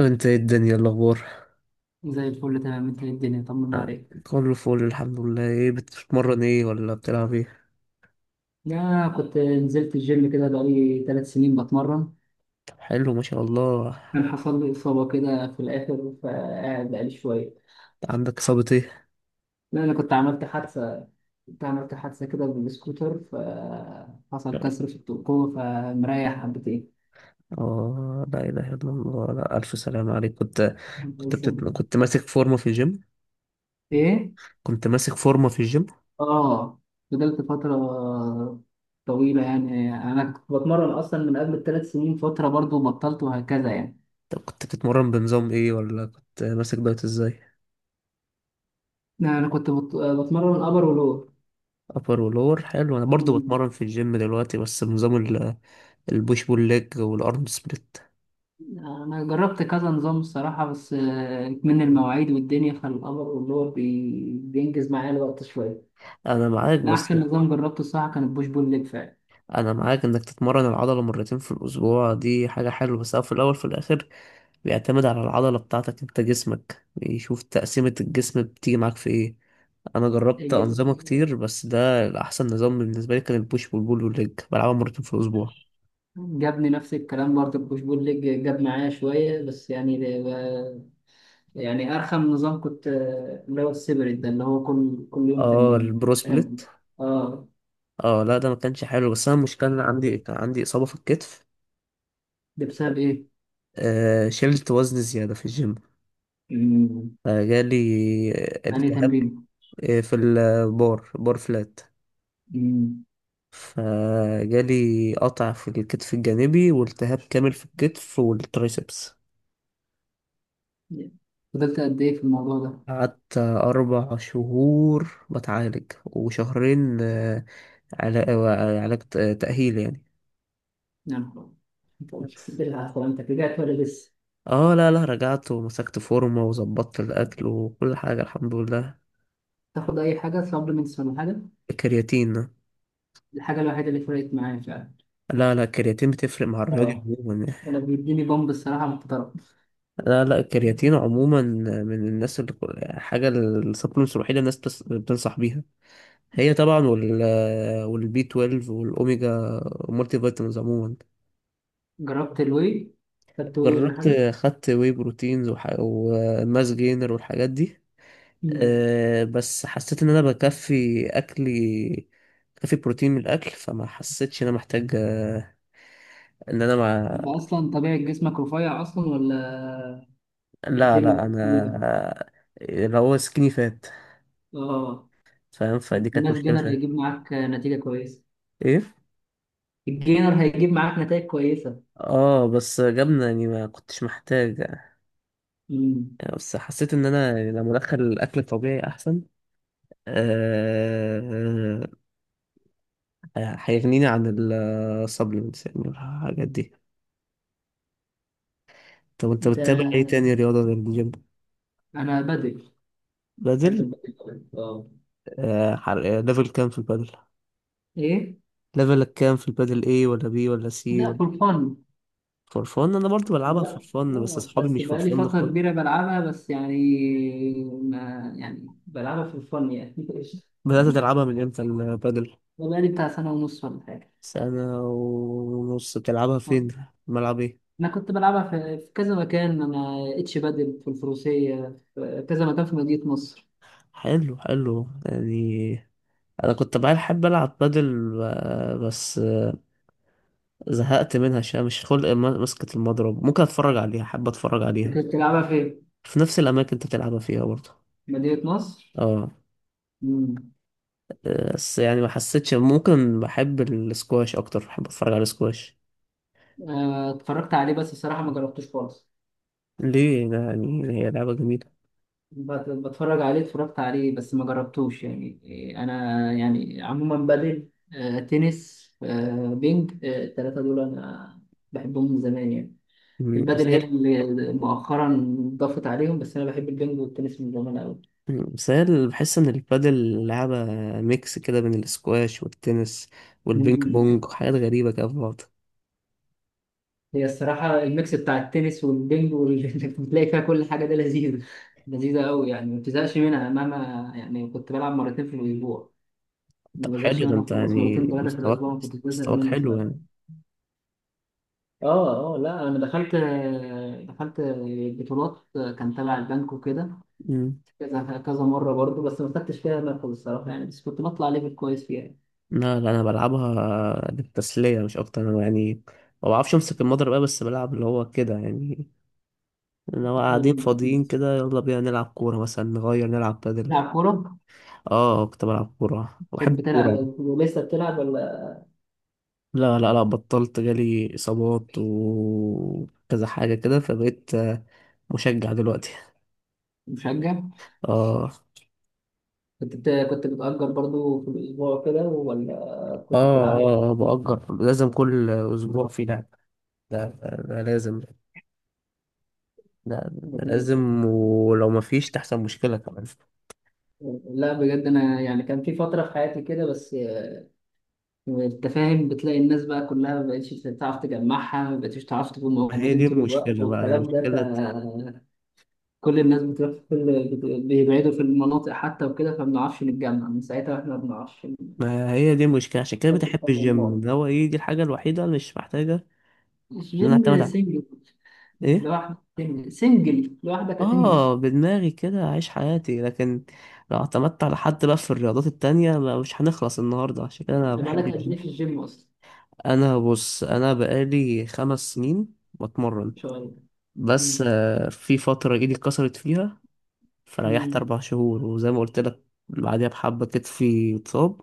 انت ايه الدنيا الاخبار؟ زي الفل، تمام. انت، ايه الدنيا؟ طمنا آه، عليك. كله فول الحمد لله. ايه بتتمرن ايه ولا بتلعب ايه؟ لا، كنت نزلت الجيم كده، بقالي 3 سنين بتمرن. طب حلو ما شاء الله. كان حصل لي إصابة كده في الآخر، فقاعد بقالي شوية. عندك اصابة ايه؟ لا، أنا كنت عملت حادثة. كنت عملت حادثة كده بالسكوتر. فحصل لا. كسر في القوة، فمريح حبتين. اه لا اله الا الله، لا الف سلام عليك. كنت ماسك فورمة في الجيم. إيه؟ كنت ماسك فورمة في الجيم. آه. فضلت فترة طويلة، يعني أنا كنت بتمرن أصلا من قبل الثلاث سنين فترة، برضو بطلت وهكذا يعني. طب كنت بتتمرن بنظام ايه ولا كنت ماسك دايت ازاي؟ لا، أنا كنت بتمرن أبر ولور. ابر ولور حلو. انا برضو بتمرن في الجيم دلوقتي، بس بنظام البوش بول ليج والارم سبليت. انا جربت كذا نظام الصراحه، بس من المواعيد والدنيا، فالامر اللي هو بينجز معايا الوقت شويه. انا معاك، لا، بس احسن نظام جربته الصراحه كان البوش بول ليج فعلا. انا معاك انك تتمرن العضله مرتين في الاسبوع، دي حاجه حلوه. بس هو في الاول في الاخر بيعتمد على العضله بتاعتك، انت جسمك يشوف تقسيمه الجسم بتيجي معاك في ايه. انا جربت انظمه ج- كتير، بس ده الاحسن نظام بالنسبه لي كان البوش والبول والليج بلعبها مرتين في الاسبوع. جابني نفس الكلام برضه، البوش بول ليج جاب معايا شويه بس يعني يعني ارخم نظام كنت اللي هو السيبريت ده، اللي هو كل يوم اه تمرين. البرو سبليت. كان. اه اه لا ده ما كانش حلو. بس انا المشكله إن انا كان عندي اصابه في الكتف. ده بسبب ايه؟ آه شلت وزن زياده في الجيم، مم. فجالي يعني التهاب. تمرين. في البار بار فلات. مم. فجالي قطع في الكتف الجانبي والتهاب كامل في الكتف والترايسبس. فضلت قد ايه في الموضوع ده؟ قعدت أربع شهور بتعالج وشهرين، علاج تأهيل يعني. نعم. بالعافية، انت رجعت ولا لسه؟ اه لا لا، رجعت ومسكت فورمة وظبطت الأكل وكل حاجة الحمد لله. تاخد اي حاجه سبلمنتس ولا حاجه؟ الكرياتين. الحاجه الوحيده اللي فرقت معايا فعلا. لا لا الكرياتين بتفرق مع الرياضي اه، عموما يعني. انا بيديني بامب الصراحه محترم. لا لا الكرياتين عموما من الناس اللي حاجة السبلمنتس الوحيدة الناس بتنصح بيها. هي طبعا، والبي 12 والاوميجا والمالتي فيتامينز عموما. جربت الواي؟ خدت واي ولا جربت، حاجه؟ خدت واي بروتينز وماس جينر والحاجات دي. مم. أه بس حسيت ان انا بكفي اكلي، بكفي بروتين من الاكل، فما حسيتش ان انا محتاج. آه، ان انا مع... انت اصلا طبيعه جسمك رفيع اصلا، ولا لا بتملك لا انا طويلة؟ آه، اللي هو سكيني فات، اه. فاهم؟ فدي كانت الناس مشكلة جينر شوية. هيجيب معاك نتيجه كويسه. ايه الجينر هيجيب معاك نتائج كويسه. اه بس جبنة يعني، ما كنتش محتاج يعني. مم. بس حسيت ان انا لما ادخل الاكل الطبيعي احسن، آه، هيغنيني عن السبلمنتس يعني، الحاجات دي. طب انت بتتابع ايه ده، تاني، رياضة غير الجيم؟ انا بدل. بحب بادل. البدل أوي. اه. ليفل كام في البادل؟ ايه. ليفلك كام في البادل، ايه ولا بي ولا سي لا، ولا؟ فور فن. فور فن. انا برضو بلعبها فور لا، فن، بس لا، اصحابي بس مش فور بقالي فن فترة خالص. كبيرة بلعبها بس يعني، ما يعني بلعبها في الفن يعني قشطة. بدأت تلعبها من امتى البادل؟ بقالي بتاع سنة ونص ولا حاجة. سنة ونص. بتلعبها فين؟ آه. ملعب ايه؟ أنا كنت بلعبها في كذا مكان، أنا اتش بادل في الفروسية، في كذا مكان في مدينة نصر. حلو حلو يعني. انا كنت بقى احب العب بادل، بس زهقت منها شوية. مش خلق مسكة المضرب. ممكن اتفرج عليها، حابة اتفرج أنت عليها. كنت بتلعبها فين؟ في نفس الاماكن انت بتلعبها فيها برضه. مدينة نصر؟ اه مم. بس يعني ما حسيتش. ممكن بحب السكواش اكتر، بحب اتفرج على السكواش. آه، اتفرجت عليه، بس الصراحة ما جربتوش خالص. ليه ده؟ يعني هي لعبة جميلة. بتفرج عليه، اتفرجت عليه، بس ما جربتوش يعني. إيه، انا يعني عموما بدل، تنس، بينج، التلاتة دول انا بحبهم من زمان يعني. مم، بس البدل هي هي اللي مؤخرا ضافت عليهم، بس انا بحب البينج والتنس من زمان قوي. بس بحس ان البادل لعبة ميكس كده بين السكواش والتنس والبينج مم. بونج وحاجات غريبة كده في بعض. هي الصراحة الميكس بتاع التنس والبينج، واللي بتلاقي فيها كل حاجة، ده لذيذ. لذيذة قوي، يعني ما بتزهقش منها مهما. يعني كنت بلعب مرتين في الأسبوع، ما طب بزهقش حلو ده، منها انت خالص. يعني مرتين ثلاثة في مستواك، الأسبوع ما كنتش بزهق مستواك منها. حلو يعني. اه، اه، لا، انا دخلت بطولات كان تبع البنك وكده، مم. كذا كذا مره برضو، بس ما خدتش فيها مركز الصراحه يعني، بس كنت بطلع ليفل كويس فيها. لا لا انا بلعبها للتسليه مش اكتر. انا يعني ما بعرفش امسك المضرب بقى، بس بلعب اللي هو كده يعني. انا قاعدين يعني فاضيين كده يلا بينا نلعب كوره، مثلا نغير نلعب بادل. بتلعب كوره؟ اه كنت بلعب كوره، بحب تحب الكوره. تلعب؟ ولسه بتلعب ولا؟ لا لا لا بطلت، جالي اصابات وكذا حاجه كده، فبقيت مشجع دلوقتي. مشجع. اه كنت بتأجر برضو في الاسبوع كده، ولا اه كنت بتلعب؟ اه. بأجر، لازم كل اسبوع في لعب. ده لازم. ده جميل. لازم، ولو ما فيش تحصل مشكله كمان. لا، بجد انا يعني كان في فتره في حياتي كده، بس انت فاهم، بتلاقي الناس بقى كلها ما بقتش تعرف تجمعها، ما بقتش تعرف تكون ما هي موجودين دي طول الوقت، المشكلة بقى، والكلام ده. المشكلة. فكل الناس بتروح في كل بيبعدوا في المناطق حتى وكده، فما بنعرفش نتجمع من ساعتها، احنا ما بنعرفش ما هي دي المشكلة، عشان كده نطبق بتحب على الجيم بعض. اللي هو ايه، دي الحاجة الوحيدة اللي مش محتاجة ان انا الجيم اعتمد على سنجل. ايه. لوحدك تنزل، سنجل لوحدك هتنزل. اه بدماغي كده اعيش حياتي. لكن لو اعتمدت على حد بقى في الرياضات التانية، مش هنخلص النهاردة، عشان كده انا يبقى لك بحب قد ايه الجيم. في الجيم اصلا؟ بص انا بقالي خمس سنين ان بتمرن، شاء الله. مم. بس في فترة ايدي اتكسرت فيها، فريحت مم. اربع شهور، وزي ما قلت لك بعدها بحبة كتفي اتصاب.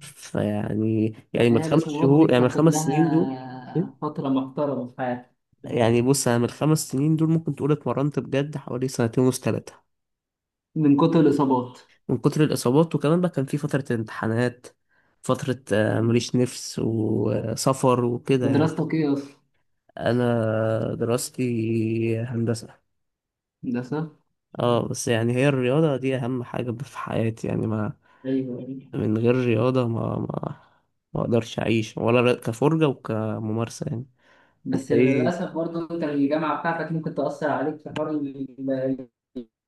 يعني من ما هي الخمس الاصابات دي شهور، يعني من بتاخد الخمس سنين دول. لها فترة محترمة في حياتك. يعني بص انا من الخمس سنين دول ممكن تقول اتمرنت بجد حوالي سنتين ونص تلاتة، من كتر الاصابات. من كتر الاصابات. وكمان بقى كان في فترة امتحانات، فترة مم. مليش نفس وسفر وكده يعني. بدراستك ايه اصلا؟ انا دراستي هندسة. هندسة. اه بس يعني هي الرياضة دي اهم حاجة في حياتي يعني. ما ايوه، ايوه. من غير رياضة ما ما اقدرش اعيش، ولا كفرجة وكممارسة يعني. انت بس ايه؟ للأسف برضه، أنت الجامعة بتاعتك ممكن تأثر عليك في حوار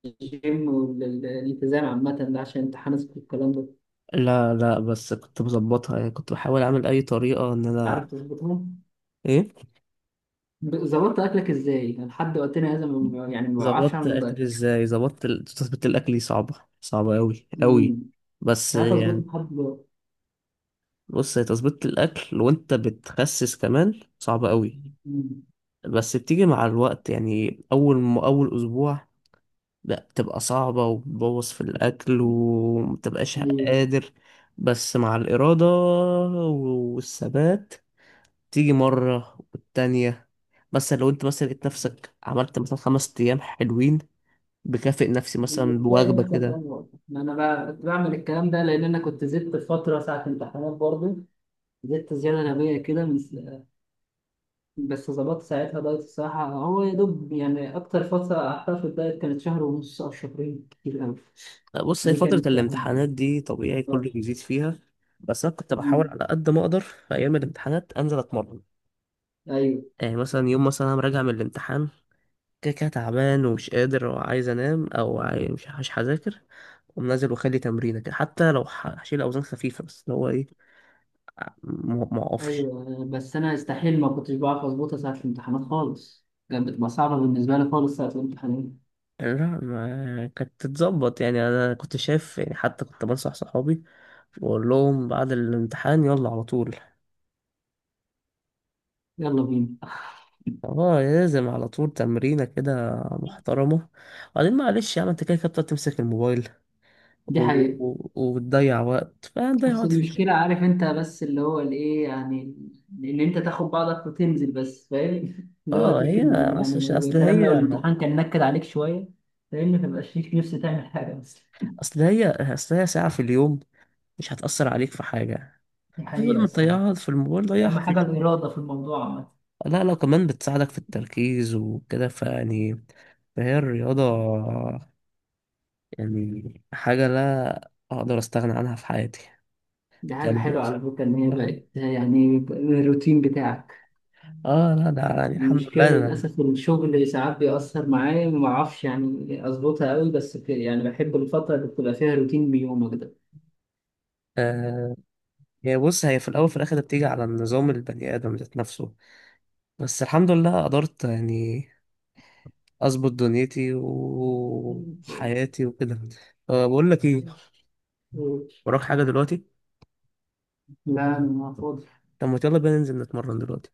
الجيم والالتزام عامة ده، عشان امتحانات والكلام ده. لا لا بس كنت مظبطها يعني، كنت بحاول اعمل اي طريقه ان عارف انا. تظبطهم؟ ايه، ظبطت أكلك إزاي؟ أنا لحد وقتنا هذا يعني ما بعرفش ظبطت أعمل اكلي دايت. ازاي. تظبيط الاكل دي صعبه، صعبه قوي أمم. قوي. بس مش عارف أظبطه يعني، لحد دلوقتي. بص هي تظبيط الاكل وانت بتخسس كمان صعبه قوي. أمم. بس بتيجي مع الوقت يعني. اول اسبوع لا بتبقى صعبه، وبتبوظ في الاكل ومتبقاش أيوه. قادر. بس مع الاراده والثبات تيجي مرة والتانية. مثلا لو انت مثلا لقيت نفسك عملت مثلا خمس ست أيام حلوين، بكافئ نفسي مثلا بتلاقي بوجبة نفسك كده. أمور. ما أنا بقى كنت بعمل الكلام ده لأن أنا كنت زدت فترة ساعة امتحانات برضه، زدت زيادة غبية كده من، بس ظبطت ساعتها دايت الصراحة. هو يا دوب يعني، أكتر فترة قعدتها في الدايت كانت شهر ونص أو شهرين، كتير أوي. بص هي دي فترة كانت واحدة من- الامتحانات دي طبيعي آه. كله بيزيد فيها. بس أنا كنت بحاول مم. على قد ما أقدر في أيام الامتحانات أنزل أتمرن. أيوه، يعني مثلا يوم مثلا أنا راجع من الامتحان، كده كده تعبان ومش قادر وعايز أنام، أو مش هذاكر، أقوم نازل وأخلي تمرينة كده. حتى لو هشيل أوزان خفيفة بس، اللي هو إيه، ما أقفش. أيوه، بس أنا استحيل ما كنتش بعرف أظبطها ساعة الامتحانات خالص، كانت بتبقى صعبة بالنسبة لي خالص ساعة الامتحانات. لا ما كانت تتظبط يعني، انا كنت شايف يعني، حتى كنت بنصح صحابي واقول لهم بعد الامتحان يلا على طول. يلا بينا اه لازم على طول تمرينة كده محترمة. وبعدين معلش يا عم انت كده كده بتقعد تمسك الموبايل دي و... حقيقة. و- وبتضيع وقت، فهتضيع بس وقت في الجيم. المشكلة عارف انت، بس اللي هو الايه يعني، ان انت تاخد بعضك وتنزل بس فاهم اللي هو اه تقول هي، تنزل يعني، بس عشان- ويا اصل سلام هي لو الامتحان كان نكد عليك شوية، فاهمني مبقاش ليك نفس تعمل حاجة، بس اصل هي اصل هي ساعة في اليوم، مش هتأثر عليك في حاجة. دي بدل حقيقة ما الصراحة. تضيعها في الموبايل ضيعها أهم في حاجة الجيم. الإرادة في الموضوع عامة. لا لا كمان بتساعدك في التركيز وكده، فيعني فهي الرياضة يعني حاجة لا أقدر أستغنى عنها في حياتي دي حاجة كمان. حلوة على فكرة، إن هي آه. بقت يعني الروتين بتاعك. لا ده يعني الحمد المشكلة لله أنا. للأسف الشغل ساعات بيأثر معايا، ما أعرفش يعني أظبطها أوي، بس يعني بحب الفترة اللي بتبقى فيها روتين بيومك آه هي في الأول في الآخر بتيجي على النظام، البني آدم ذات نفسه. بس الحمد لله قدرت يعني أظبط دنيتي وحياتي وكده. آه بقول لك إيه، ده. وراك حاجة دلوقتي؟ لا، أنا فاضي. طب ما يلا بينا ننزل نتمرن دلوقتي.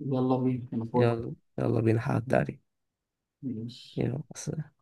يلا بينا، أنا فاضي. يلا يلا بينا هعدي عليك. ماشي. يلا سلام.